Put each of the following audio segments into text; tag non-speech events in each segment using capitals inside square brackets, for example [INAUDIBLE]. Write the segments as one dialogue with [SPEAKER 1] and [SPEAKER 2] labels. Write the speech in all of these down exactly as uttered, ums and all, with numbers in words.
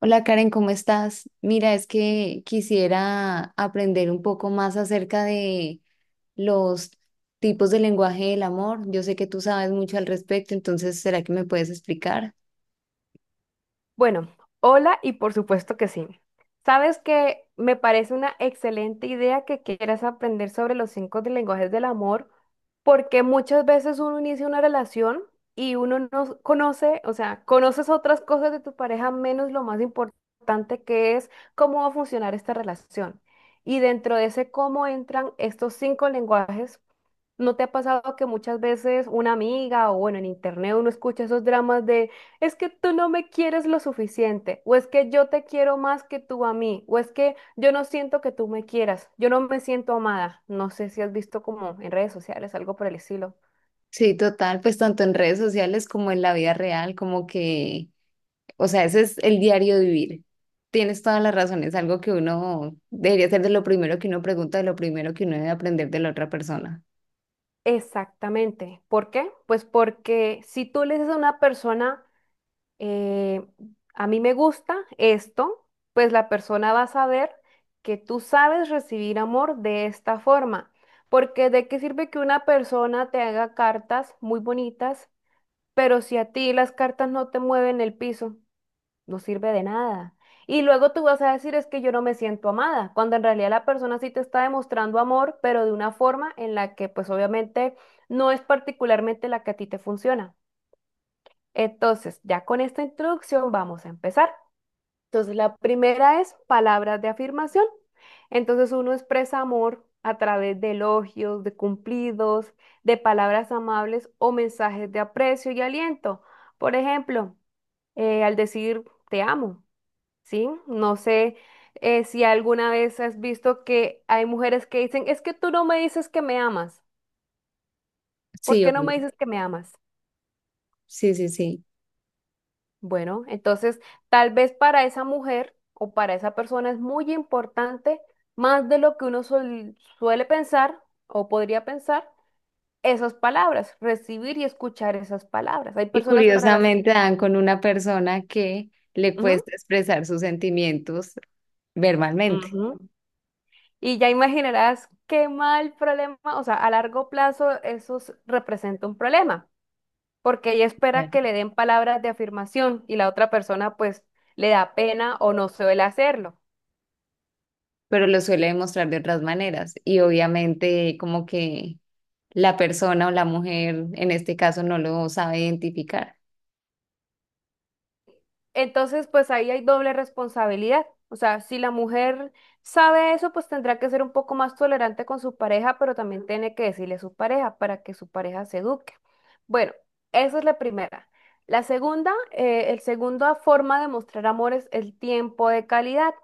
[SPEAKER 1] Hola Karen, ¿cómo estás? Mira, es que quisiera aprender un poco más acerca de los tipos de lenguaje del amor. Yo sé que tú sabes mucho al respecto, entonces, ¿será que me puedes explicar?
[SPEAKER 2] Bueno, hola y por supuesto que sí. Sabes que me parece una excelente idea que quieras aprender sobre los cinco de lenguajes del amor, porque muchas veces uno inicia una relación y uno no conoce, o sea, conoces otras cosas de tu pareja menos lo más importante que es cómo va a funcionar esta relación. Y dentro de ese cómo entran estos cinco lenguajes. ¿No te ha pasado que muchas veces una amiga o bueno, en internet uno escucha esos dramas de es que tú no me quieres lo suficiente o es que yo te quiero más que tú a mí o es que yo no siento que tú me quieras, yo no me siento amada? No sé si has visto como en redes sociales algo por el estilo.
[SPEAKER 1] Sí, total, pues tanto en redes sociales como en la vida real, como que... O sea, ese es el diario vivir. Tienes toda la razón, es algo que uno debería ser de lo primero que uno pregunta, de lo primero que uno debe aprender de la otra persona.
[SPEAKER 2] Exactamente. ¿Por qué? Pues porque si tú le dices a una persona eh, a mí me gusta esto, pues la persona va a saber que tú sabes recibir amor de esta forma. Porque de qué sirve que una persona te haga cartas muy bonitas, pero si a ti las cartas no te mueven el piso, no sirve de nada. Y luego tú vas a decir es que yo no me siento amada, cuando en realidad la persona sí te está demostrando amor, pero de una forma en la que pues obviamente no es particularmente la que a ti te funciona. Entonces, ya con esta introducción vamos a empezar. Entonces, la primera es palabras de afirmación. Entonces, uno expresa amor a través de elogios, de cumplidos, de palabras amables o mensajes de aprecio y aliento. Por ejemplo, eh, al decir te amo, ¿sí? No sé, eh, si alguna vez has visto que hay mujeres que dicen, es que tú no me dices que me amas. ¿Por
[SPEAKER 1] Sí,
[SPEAKER 2] qué no
[SPEAKER 1] obvio.
[SPEAKER 2] me dices que me amas?
[SPEAKER 1] Sí, sí, sí.
[SPEAKER 2] Bueno, entonces tal vez para esa mujer o para esa persona es muy importante, más de lo que uno suel- suele pensar o podría pensar, esas palabras, recibir y escuchar esas palabras. Hay
[SPEAKER 1] Y
[SPEAKER 2] personas para las
[SPEAKER 1] curiosamente
[SPEAKER 2] que...
[SPEAKER 1] dan con una persona que le
[SPEAKER 2] Ujú,
[SPEAKER 1] cuesta expresar sus sentimientos verbalmente.
[SPEAKER 2] ujú. Y ya imaginarás qué mal problema, o sea, a largo plazo eso s- representa un problema, porque ella espera
[SPEAKER 1] Claro.
[SPEAKER 2] que le den palabras de afirmación y la otra persona pues le da pena o no suele hacerlo.
[SPEAKER 1] Pero lo suele demostrar de otras maneras. Y obviamente como que la persona o la mujer en este caso no lo sabe identificar.
[SPEAKER 2] Entonces, pues ahí hay doble responsabilidad. O sea, si la mujer sabe eso, pues tendrá que ser un poco más tolerante con su pareja, pero también tiene que decirle a su pareja para que su pareja se eduque. Bueno, esa es la primera. La segunda, eh, el segundo forma de mostrar amor es el tiempo de calidad.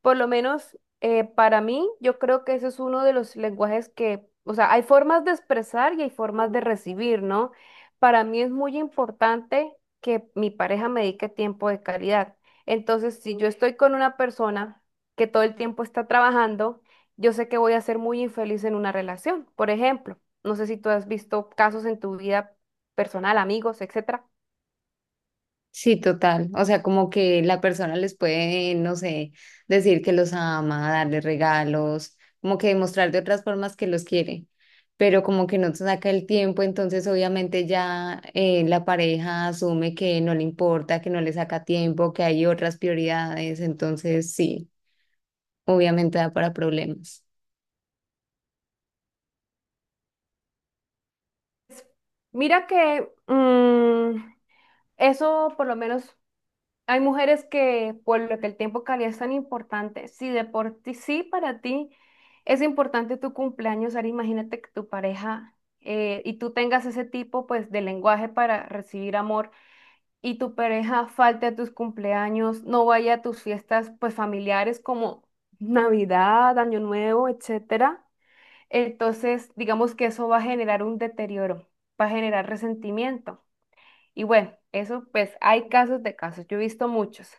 [SPEAKER 2] Por lo menos eh, para mí, yo creo que ese es uno de los lenguajes que, o sea, hay formas de expresar y hay formas de recibir, ¿no? Para mí es muy importante que mi pareja me dedique tiempo de calidad. Entonces, si yo estoy con una persona que todo el tiempo está trabajando, yo sé que voy a ser muy infeliz en una relación. Por ejemplo, no sé si tú has visto casos en tu vida personal, amigos, etcétera.
[SPEAKER 1] Sí, total. O sea, como que la persona les puede, no sé, decir que los ama, darle regalos, como que demostrar de otras formas que los quiere, pero como que no se saca el tiempo, entonces obviamente ya eh, la pareja asume que no le importa, que no le saca tiempo, que hay otras prioridades, entonces sí, obviamente da para problemas.
[SPEAKER 2] Mira que mm, eso por lo menos. Hay mujeres que, por lo que el tiempo de calidad es tan importante, si de por ti, sí para ti es importante tu cumpleaños, ahora imagínate que tu pareja, eh, y tú tengas ese tipo pues de lenguaje para recibir amor y tu pareja falte a tus cumpleaños, no vaya a tus fiestas pues familiares como Navidad, Año Nuevo, etcétera. Entonces, digamos que eso va a generar un deterioro, va a generar resentimiento. Y bueno, eso pues hay casos de casos, yo he visto muchos.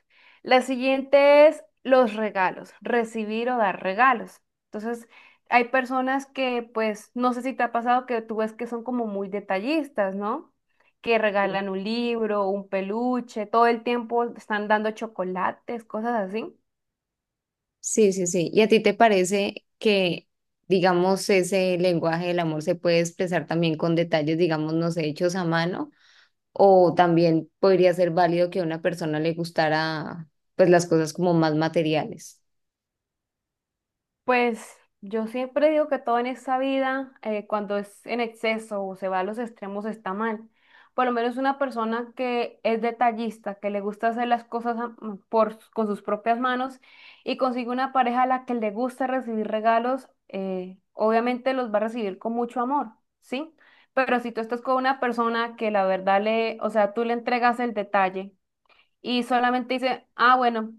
[SPEAKER 2] La siguiente es los regalos, recibir o dar regalos. Entonces, hay personas que pues no sé si te ha pasado que tú ves que son como muy detallistas, ¿no? Que regalan un libro, un peluche, todo el tiempo están dando chocolates, cosas así.
[SPEAKER 1] Sí, sí, sí. ¿Y a ti te parece que, digamos, ese lenguaje del amor se puede expresar también con detalles, digamos, no sé, hechos a mano? O también podría ser válido que a una persona le gustara pues las cosas como más materiales.
[SPEAKER 2] Pues yo siempre digo que todo en esta vida, eh, cuando es en exceso o se va a los extremos, está mal. Por lo menos una persona que es detallista, que le gusta hacer las cosas a- mm, por, con sus propias manos y consigue una pareja a la que le gusta recibir regalos, eh, obviamente los va a recibir con mucho amor, ¿sí? Pero si tú estás con una persona que la verdad le, o sea, tú le entregas el detalle y solamente dice, ah, bueno,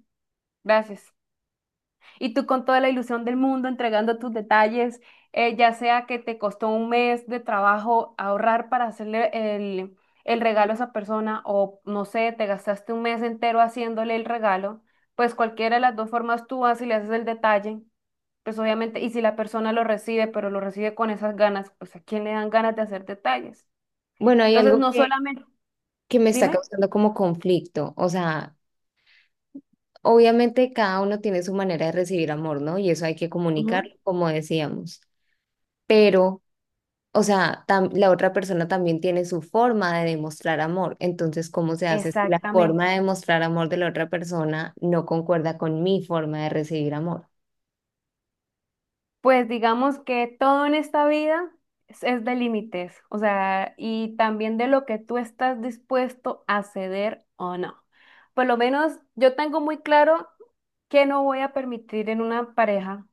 [SPEAKER 2] gracias. Y tú con toda la ilusión del mundo entregando tus detalles, eh, ya sea que te costó un mes de trabajo ahorrar para hacerle el, el regalo a esa persona o no sé, te gastaste un mes entero haciéndole el regalo, pues cualquiera de las dos formas tú vas y le haces el detalle, pues obviamente, y si la persona lo recibe, pero lo recibe con esas ganas, pues ¿a quién le dan ganas de hacer detalles?
[SPEAKER 1] Bueno, hay
[SPEAKER 2] Entonces,
[SPEAKER 1] algo
[SPEAKER 2] no
[SPEAKER 1] que,
[SPEAKER 2] solamente,
[SPEAKER 1] que me está
[SPEAKER 2] dime.
[SPEAKER 1] causando como conflicto. O sea, obviamente cada uno tiene su manera de recibir amor, ¿no? Y eso hay que
[SPEAKER 2] Ujú.
[SPEAKER 1] comunicarlo, como decíamos. Pero, o sea, tam- la otra persona también tiene su forma de demostrar amor. Entonces, ¿cómo se hace si la
[SPEAKER 2] Exactamente.
[SPEAKER 1] forma de demostrar amor de la otra persona no concuerda con mi forma de recibir amor?
[SPEAKER 2] Pues digamos que todo en esta vida es, es de límites, o sea, y también de lo que tú estás dispuesto a ceder o no. Por lo menos yo tengo muy claro que no voy a permitir en una pareja,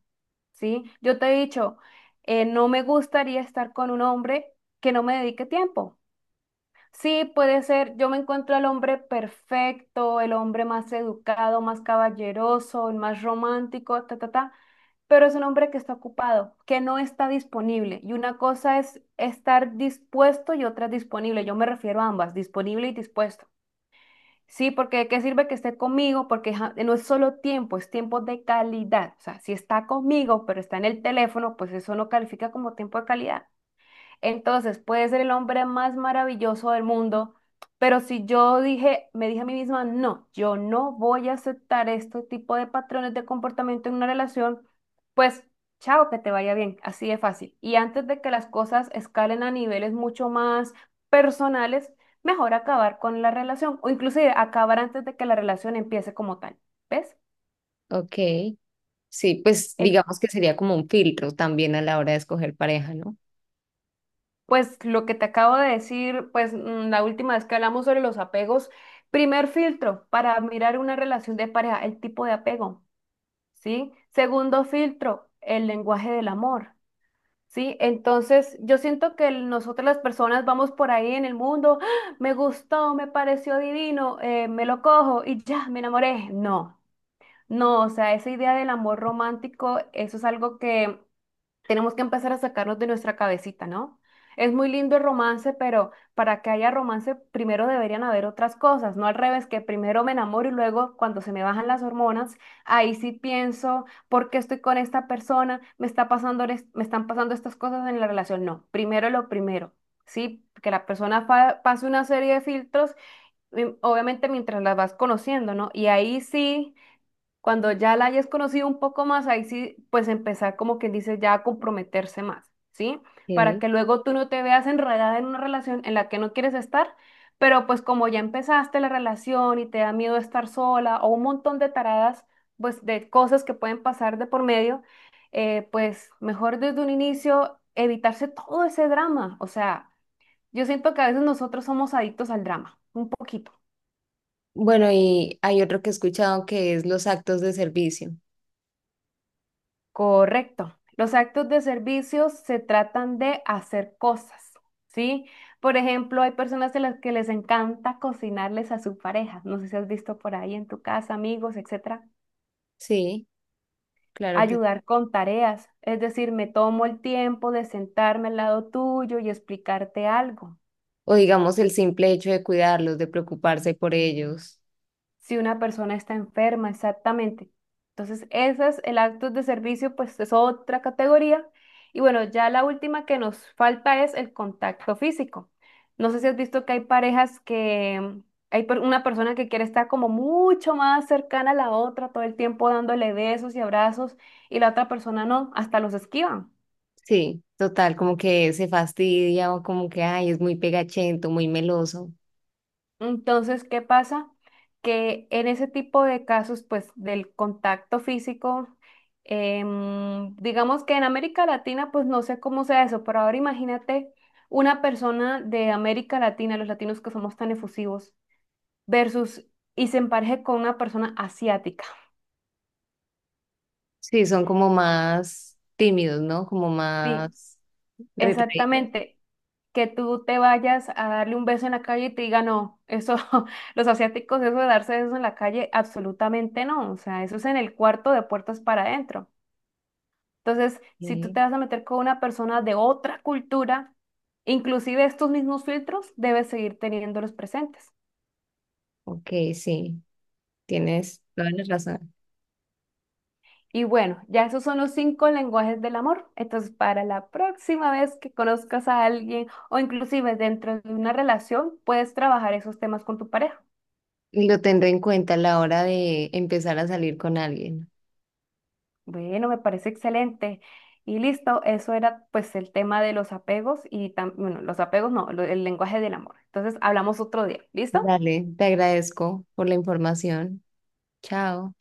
[SPEAKER 2] ¿sí? Yo te he dicho, eh, no me gustaría estar con un hombre que no me dedique tiempo. Sí, puede ser, yo me encuentro al hombre perfecto, el hombre más educado, más caballeroso, el más romántico, ta, ta, ta, pero es un hombre que está ocupado, que no está disponible. Y una cosa es estar dispuesto y otra es disponible. Yo me refiero a ambas, disponible y dispuesto. Sí, porque ¿de qué sirve que esté conmigo? Porque ja- no es solo tiempo, es tiempo de calidad. O sea, si está conmigo, pero está en el teléfono, pues eso no califica como tiempo de calidad. Entonces, puede ser el hombre más maravilloso del mundo, pero si yo dije, me dije a mí misma, no, yo no voy a aceptar este tipo de patrones de comportamiento en una relación, pues chao, que te vaya bien, así de fácil. Y antes de que las cosas escalen a niveles mucho más personales, mejor acabar con la relación o inclusive acabar antes de que la relación empiece como tal. ¿Ves?
[SPEAKER 1] Ok. Sí, pues
[SPEAKER 2] Eh,
[SPEAKER 1] digamos que sería como un filtro también a la hora de escoger pareja, ¿no?
[SPEAKER 2] Pues lo que te acabo de decir, pues mm, la última vez que hablamos sobre los apegos, primer filtro para mirar una relación de pareja, el tipo de apego, ¿sí? Segundo filtro, el lenguaje del amor, ¿sí? Entonces, yo siento que el- nosotras las personas vamos por ahí en el mundo, "Ah, me gustó, me pareció divino, eh, me lo cojo y ya, me enamoré". No, no, o sea, esa idea del amor romántico, eso es algo que tenemos que empezar a sacarnos de nuestra cabecita, ¿no? Es muy lindo el romance, pero para que haya romance primero deberían haber otras cosas, no al revés, que primero me enamoro y luego cuando se me bajan las hormonas, ahí sí pienso, ¿por qué estoy con esta persona? ¿Me está pasando, es- me están pasando estas cosas en la relación? No, primero lo primero, ¿sí? Que la persona fa- pase una serie de filtros, mm, obviamente mientras las vas conociendo, ¿no? Y ahí sí cuando ya la hayas conocido un poco más, ahí sí, pues empezar como quien dice ya a comprometerse más, ¿sí? Para
[SPEAKER 1] Ok.
[SPEAKER 2] que luego tú no te veas enredada en una relación en la que no quieres estar, pero pues como ya empezaste la relación y te da miedo estar sola o un montón de taradas, pues de cosas que pueden pasar de por medio, eh, pues mejor desde un inicio evitarse todo ese drama. O sea, yo siento que a veces nosotros somos adictos al drama, un poquito.
[SPEAKER 1] Bueno, y hay otro que he escuchado que es los actos de servicio.
[SPEAKER 2] Correcto. Los actos de servicio se tratan de hacer cosas, ¿sí? Por ejemplo, hay personas a las que les encanta cocinarles a su pareja. No sé si has visto por ahí en tu casa, amigos, etcétera.
[SPEAKER 1] Sí, claro que...
[SPEAKER 2] Ayudar con tareas. Es decir, me tomo el tiempo de sentarme al lado tuyo y explicarte algo.
[SPEAKER 1] O digamos el simple hecho de cuidarlos, de preocuparse por ellos.
[SPEAKER 2] Si una persona está enferma, exactamente. Entonces, esas, el acto de servicio, pues es otra categoría. Y bueno, ya la última que nos falta es el contacto físico. No sé si has visto que hay parejas que mm, hay per- una persona que quiere estar como mucho más cercana a la otra todo el tiempo dándole besos y abrazos y la otra persona no, hasta los esquivan.
[SPEAKER 1] Sí, total, como que se fastidia o como que, ay, es muy pegachento, muy meloso.
[SPEAKER 2] Entonces, ¿qué pasa? Que en ese tipo de casos, pues del contacto físico, em, digamos que en América Latina, pues no sé cómo sea eso, pero ahora imagínate una persona de América Latina, los latinos que somos tan efusivos, versus y se empareje con una persona asiática.
[SPEAKER 1] Sí, son como más tímidos, ¿no? Como
[SPEAKER 2] Sí,
[SPEAKER 1] más retraídos.
[SPEAKER 2] exactamente, que tú te vayas a darle un beso en la calle y te diga, no, eso, [LAUGHS] los asiáticos, eso de darse besos en la calle, absolutamente no, o sea, eso es en el cuarto de puertas para adentro. Entonces,
[SPEAKER 1] Ok,
[SPEAKER 2] si tú te vas a meter con una persona de otra cultura, inclusive estos mismos filtros, debes seguir teniéndolos presentes.
[SPEAKER 1] ok, sí, tienes toda la razón.
[SPEAKER 2] Y bueno, ya esos son los cinco lenguajes del amor. Entonces, para la próxima vez que conozcas a alguien o inclusive dentro de una relación, puedes trabajar esos temas con tu pareja.
[SPEAKER 1] Lo tendré en cuenta a la hora de empezar a salir con alguien.
[SPEAKER 2] Bueno, me parece excelente. Y listo, eso era pues el tema de los apegos y tam- bueno, los apegos no, lo- el lenguaje del amor. Entonces hablamos otro día. ¿Listo?
[SPEAKER 1] Dale, te agradezco por la información. Chao.